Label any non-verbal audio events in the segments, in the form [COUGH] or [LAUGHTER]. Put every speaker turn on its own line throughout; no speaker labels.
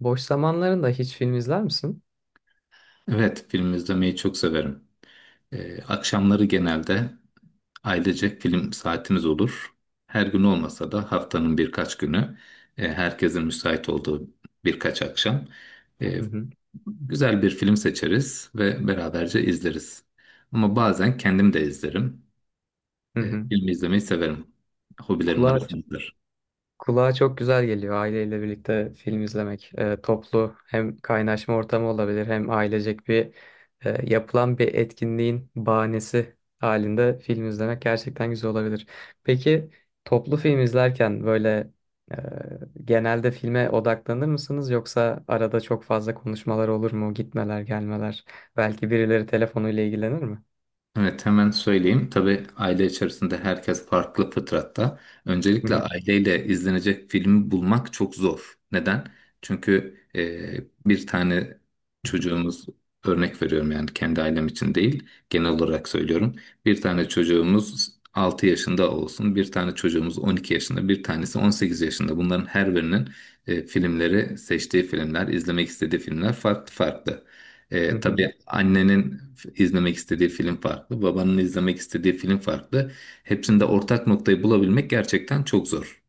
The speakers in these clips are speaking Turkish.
Boş zamanlarında hiç film izler misin?
Evet, film izlemeyi çok severim. Akşamları genelde ailecek film saatimiz olur. Her gün olmasa da haftanın birkaç günü, herkesin müsait olduğu birkaç akşam e,
Hı hı.
güzel bir film seçeriz ve beraberce izleriz. Ama bazen kendim de izlerim.
Hı hı.
Film izlemeyi severim. Hobilerim
Kulağa,
arasındadır.
kulağa çok güzel geliyor aileyle birlikte film izlemek. Toplu hem kaynaşma ortamı olabilir hem ailecek bir yapılan bir etkinliğin bahanesi halinde film izlemek gerçekten güzel olabilir. Peki toplu film izlerken böyle e, genelde filme odaklanır mısınız yoksa arada çok fazla konuşmalar olur mu? Gitmeler, gelmeler. Belki birileri telefonuyla ilgilenir mi?
Evet, hemen söyleyeyim. Tabii aile içerisinde herkes farklı fıtratta.
Hı
Öncelikle
hı.
aileyle izlenecek filmi bulmak çok zor. Neden? Çünkü bir tane çocuğumuz, örnek veriyorum yani kendi ailem için değil, genel olarak söylüyorum. Bir tane çocuğumuz 6 yaşında olsun, bir tane çocuğumuz 12 yaşında, bir tanesi 18 yaşında. Bunların her birinin filmleri, seçtiği filmler, izlemek istediği filmler farklı farklı.
Hı hı.
Tabii annenin izlemek istediği film farklı, babanın izlemek istediği film farklı. Hepsinde ortak noktayı bulabilmek gerçekten çok zor.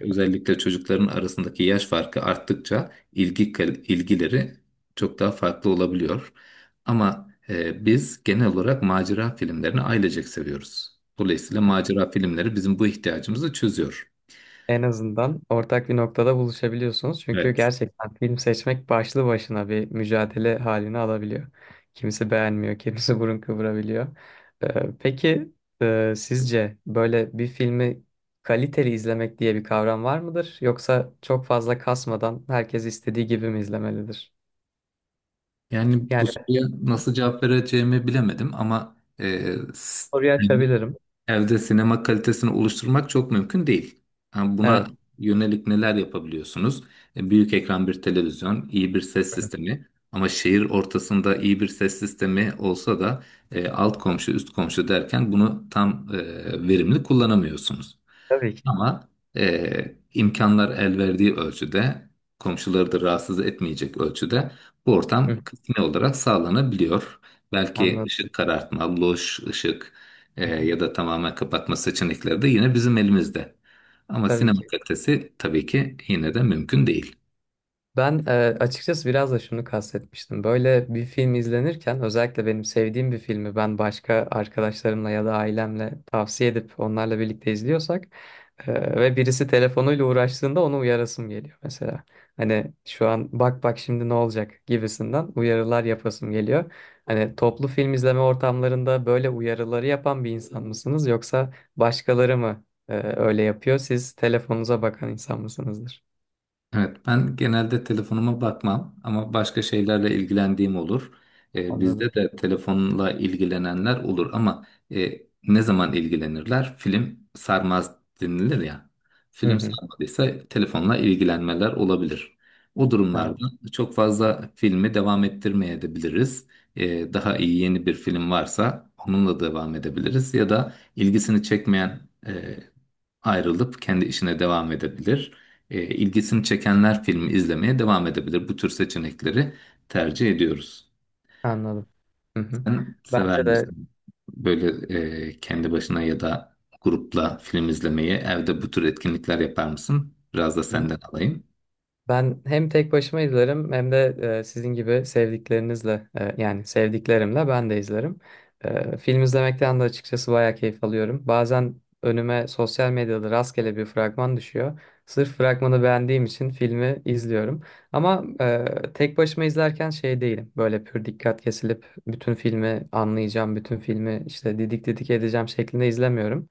Özellikle çocukların arasındaki yaş farkı arttıkça ilgileri çok daha farklı olabiliyor. Ama biz genel olarak macera filmlerini ailecek seviyoruz. Dolayısıyla macera filmleri bizim bu ihtiyacımızı çözüyor.
En azından ortak bir noktada buluşabiliyorsunuz. Çünkü
Evet.
gerçekten film seçmek başlı başına bir mücadele halini alabiliyor. Kimisi beğenmiyor, kimisi [LAUGHS] burun kıvırabiliyor. Peki sizce böyle bir filmi kaliteli izlemek diye bir kavram var mıdır? Yoksa çok fazla kasmadan herkes istediği gibi mi izlemelidir?
Yani bu
Yani
soruya nasıl cevap vereceğimi bilemedim ama
soruyu açabilirim.
evde sinema kalitesini oluşturmak çok mümkün değil. Yani buna
Evet.
yönelik neler yapabiliyorsunuz? E, büyük ekran bir televizyon, iyi bir ses sistemi ama şehir ortasında iyi bir ses sistemi olsa da, alt komşu, üst komşu derken bunu tam verimli kullanamıyorsunuz.
Tabii ki.
Ama imkanlar el verdiği ölçüde, komşuları da rahatsız etmeyecek ölçüde bu
Hı,
ortam kısmi olarak sağlanabiliyor. Belki
anladım.
ışık karartma, loş ışık,
Hı hı.
ya da tamamen kapatma seçenekleri de yine bizim elimizde. Ama
Tabii
sinema
ki.
kalitesi tabii ki yine de mümkün değil.
Ben açıkçası biraz da şunu kastetmiştim. Böyle bir film izlenirken özellikle benim sevdiğim bir filmi ben başka arkadaşlarımla ya da ailemle tavsiye edip onlarla birlikte izliyorsak ve birisi telefonuyla uğraştığında onu uyarasım geliyor mesela. Hani şu an bak şimdi ne olacak gibisinden uyarılar yapasım geliyor. Hani toplu film izleme ortamlarında böyle uyarıları yapan bir insan mısınız yoksa başkaları mı öyle yapıyor? Siz telefonunuza bakan insan mısınızdır?
Evet, ben genelde telefonuma bakmam ama başka şeylerle ilgilendiğim olur.
Anladım.
Bizde de telefonla ilgilenenler olur ama, ne zaman ilgilenirler? Film sarmaz denilir ya.
Hı
Film
hı.
sarmadıysa telefonla ilgilenmeler olabilir. O
Evet.
durumlarda çok fazla filmi devam ettirmeyebiliriz. Daha iyi yeni bir film varsa onunla devam edebiliriz ya da ilgisini çekmeyen ayrılıp kendi işine devam edebilir. E, ilgisini çekenler filmi izlemeye devam edebilir. Bu tür seçenekleri tercih ediyoruz.
Anladım. Hı hı.
Sen sever
Bence de
misin böyle, kendi başına ya da grupla film izlemeyi, evde bu tür etkinlikler yapar mısın? Biraz da senden alayım.
ben hem tek başıma izlerim hem de sizin gibi sevdiklerinizle yani sevdiklerimle ben de izlerim. Film izlemekten de açıkçası bayağı keyif alıyorum. Bazen önüme sosyal medyada rastgele bir fragman düşüyor. Sırf fragmanı beğendiğim için filmi izliyorum. Ama tek başıma izlerken şey değilim. Böyle pür dikkat kesilip bütün filmi anlayacağım, bütün filmi işte didik didik edeceğim şeklinde izlemiyorum.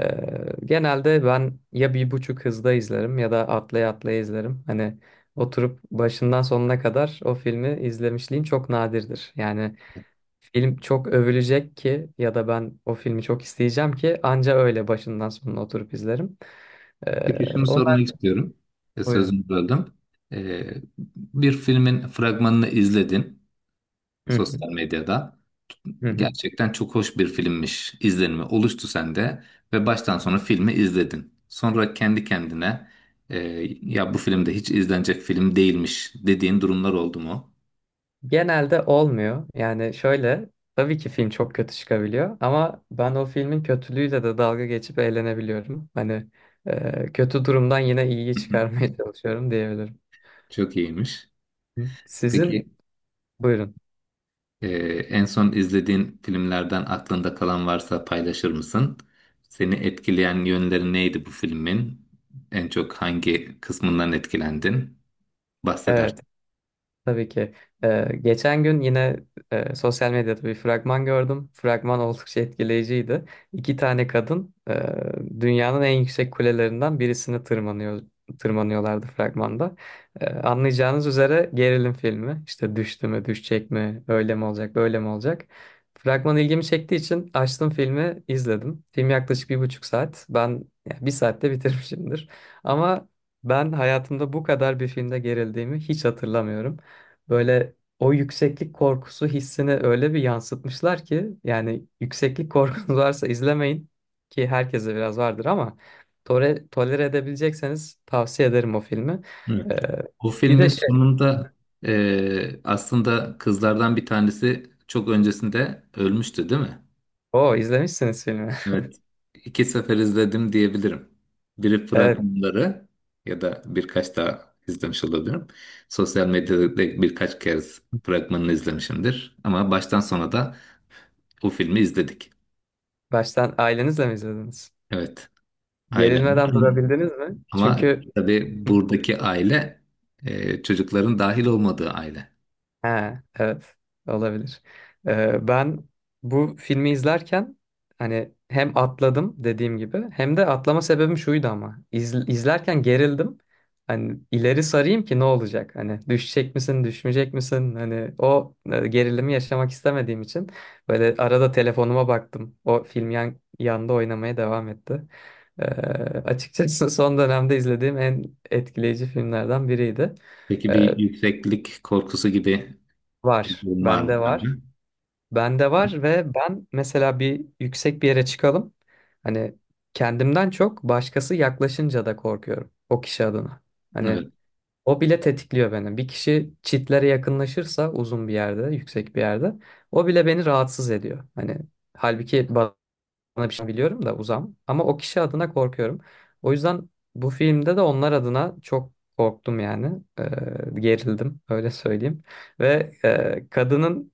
Ee, Genelde ben ya bir buçuk hızda izlerim ya da atlaya atlaya izlerim. Hani oturup başından sonuna kadar o filmi izlemişliğim çok nadirdir. Yani film çok övülecek ki ya da ben o filmi çok isteyeceğim ki anca öyle başından sonuna oturup izlerim.
Peki şunu
Onlar
sormak istiyorum. E,
buyurun.
sözünü böldüm. E, bir filmin fragmanını izledin
Hı hı,
sosyal medyada.
hı hı.
Gerçekten çok hoş bir filmmiş izlenimi oluştu sende ve baştan sona filmi izledin. Sonra kendi kendine e, ya bu filmde hiç izlenecek film değilmiş dediğin durumlar oldu mu?
Genelde olmuyor. Yani şöyle, tabii ki film çok kötü çıkabiliyor ama ben o filmin kötülüğüyle de dalga geçip eğlenebiliyorum. Hani kötü durumdan yine iyiyi
[LAUGHS]
çıkarmaya [LAUGHS] çalışıyorum diyebilirim.
Çok iyiymiş.
Sizin
Peki
buyurun.
e, en son izlediğin filmlerden aklında kalan varsa paylaşır mısın? Seni etkileyen yönleri neydi bu filmin? En çok hangi kısmından etkilendin? Bahseder.
Evet. Tabii ki. Geçen gün yine sosyal medyada bir fragman gördüm. Fragman oldukça etkileyiciydi. İki tane kadın dünyanın en yüksek kulelerinden birisini tırmanıyorlardı fragmanda. Anlayacağınız üzere gerilim filmi. İşte düştü mü, düşecek mi, öyle mi olacak, böyle mi olacak? Fragman ilgimi çektiği için açtım filmi, izledim. Film yaklaşık bir buçuk saat. Ben ya, bir saatte bitirmişimdir. Ama ben hayatımda bu kadar bir filmde gerildiğimi hiç hatırlamıyorum. Böyle o yükseklik korkusu hissini öyle bir yansıtmışlar ki yani yükseklik korkunuz [LAUGHS] varsa izlemeyin ki herkese biraz vardır ama tolere edebilecekseniz tavsiye ederim o filmi. Ee,
O
Bir
filmin
de şey,
sonunda, aslında kızlardan bir tanesi çok öncesinde ölmüştü, değil mi?
o izlemişsiniz filmi. [LAUGHS]
Evet. İki sefer izledim diyebilirim. Biri
Evet,
fragmanları ya da birkaç daha izlemiş olabilirim. Sosyal medyada birkaç kez fragmanını izlemişimdir. Ama baştan sona da o filmi izledik.
baştan ailenizle mi izlediniz?
Evet, ailem.
Gerilmeden durabildiniz mi?
Ama
Çünkü
tabii
[LAUGHS]
buradaki aile, çocukların dahil olmadığı aile.
ha, evet olabilir. Ben bu filmi izlerken hani hem atladım dediğim gibi hem de atlama sebebim şuydu ama izlerken gerildim. Hani ileri sarayım ki ne olacak? Hani düşecek misin, düşmeyecek misin? Hani o gerilimi yaşamak istemediğim için böyle arada telefonuma baktım. O film yanda oynamaya devam etti. Ee, Açıkçası [LAUGHS] son dönemde izlediğim en etkileyici filmlerden biriydi.
Peki
Ee,
bir yükseklik korkusu gibi
Var,
bilgin var
bende
mı sende?
var. Bende
Hı?
var ve ben mesela bir yüksek bir yere çıkalım. Hani kendimden çok başkası yaklaşınca da korkuyorum o kişi adına. Hani
Evet.
o bile tetikliyor beni. Bir kişi çitlere yakınlaşırsa uzun bir yerde, yüksek bir yerde o bile beni rahatsız ediyor. Hani halbuki bana bir şey biliyorum da uzam ama o kişi adına korkuyorum. O yüzden bu filmde de onlar adına çok korktum yani. Gerildim öyle söyleyeyim. Ve kadının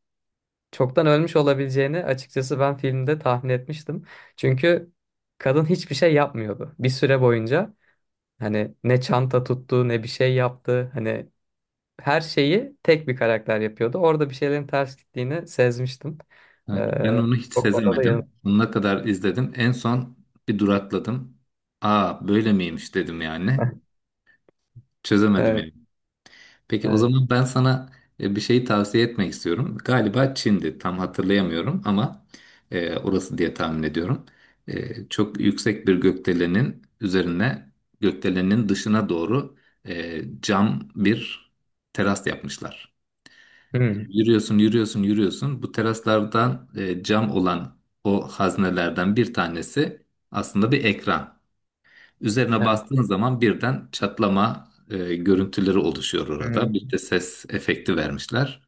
çoktan ölmüş olabileceğini açıkçası ben filmde tahmin etmiştim. Çünkü kadın hiçbir şey yapmıyordu bir süre boyunca. Hani ne çanta tuttu ne bir şey yaptı. Hani her şeyi tek bir karakter yapıyordu. Orada bir şeylerin ters gittiğini sezmiştim.
Evet. Ben
Ee,
onu hiç
O konuda da yanılmadım.
sezemedim. Sonuna kadar izledim. En son bir durakladım. Aa, böyle miymiş dedim yani.
[LAUGHS]
Çözemedim
Evet,
yani. Peki o
evet.
zaman ben sana, bir şeyi tavsiye etmek istiyorum. Galiba Çin'di. Tam hatırlayamıyorum ama, orası diye tahmin ediyorum. E, çok yüksek bir gökdelenin üzerine, gökdelenin dışına doğru, cam bir teras yapmışlar.
Hmm,
Yürüyorsun, yürüyorsun, yürüyorsun. Bu teraslardan, cam olan o haznelerden bir tanesi aslında bir ekran. Üzerine
evet.
bastığın zaman birden çatlama görüntüleri oluşuyor orada. Bir
Hmm,
de ses efekti vermişler.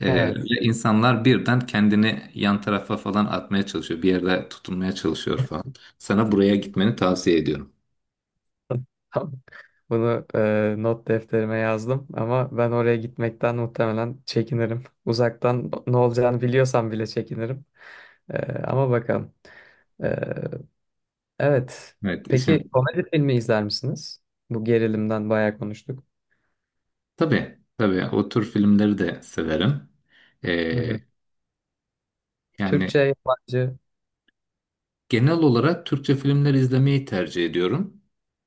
E,
evet.
ve insanlar birden kendini yan tarafa falan atmaya çalışıyor. Bir yerde tutunmaya çalışıyor falan. Sana buraya gitmeni tavsiye ediyorum.
[LAUGHS] Tamam. Bunu not defterime yazdım ama ben oraya gitmekten muhtemelen çekinirim. Uzaktan ne olacağını biliyorsam bile çekinirim. Ee, Ama bakalım. Ee, evet.
Evet,
Peki
işin...
komedi filmi izler misiniz? Bu gerilimden bayağı konuştuk.
Tabii, tabii o tür filmleri de severim.
Hı
E,
hı.
yani...
Türkçe, yabancı.
Genel olarak Türkçe filmler izlemeyi tercih ediyorum.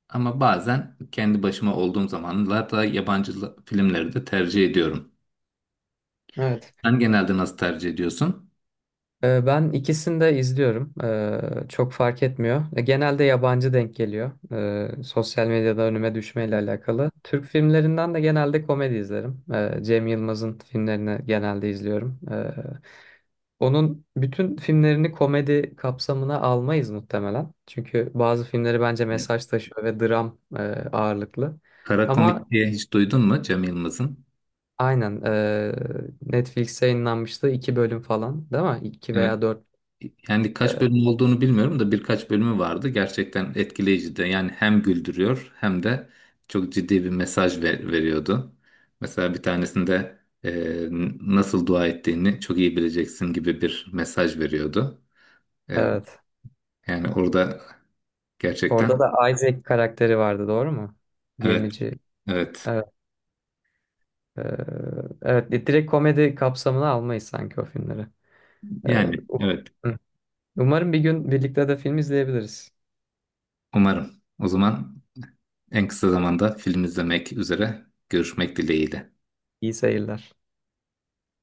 Ama bazen kendi başıma olduğum zamanlarda filmleri de tercih ediyorum.
Evet.
Sen genelde nasıl tercih ediyorsun?
Ben ikisini de izliyorum. Çok fark etmiyor. Genelde yabancı denk geliyor. Sosyal medyada önüme düşmeyle alakalı. Türk filmlerinden de genelde komedi izlerim. Cem Yılmaz'ın filmlerini genelde izliyorum. Onun bütün filmlerini komedi kapsamına almayız muhtemelen. Çünkü bazı filmleri bence
Evet.
mesaj taşıyor ve dram ağırlıklı.
Kara
Ama
Komik diye hiç duydun mu Cem Yılmaz'ın?
aynen Netflix'e yayınlanmıştı iki bölüm falan değil mi? İki
Evet.
veya dört.
Yani kaç
e,
bölüm olduğunu bilmiyorum da birkaç bölümü vardı. Gerçekten etkileyici de. Yani hem güldürüyor hem de çok ciddi bir mesaj veriyordu. Mesela bir tanesinde e, nasıl dua ettiğini çok iyi bileceksin gibi bir mesaj veriyordu. E,
evet.
Yani orada
Orada
gerçekten
da Isaac karakteri vardı doğru mu?
evet,
Gemici.
evet.
Evet. e, evet direkt komedi kapsamına almayız sanki o filmleri. E,
Yani
u-
evet.
Hı. Umarım bir gün birlikte de film izleyebiliriz.
Umarım. O zaman en kısa zamanda film izlemek üzere görüşmek dileğiyle.
İyi seyirler.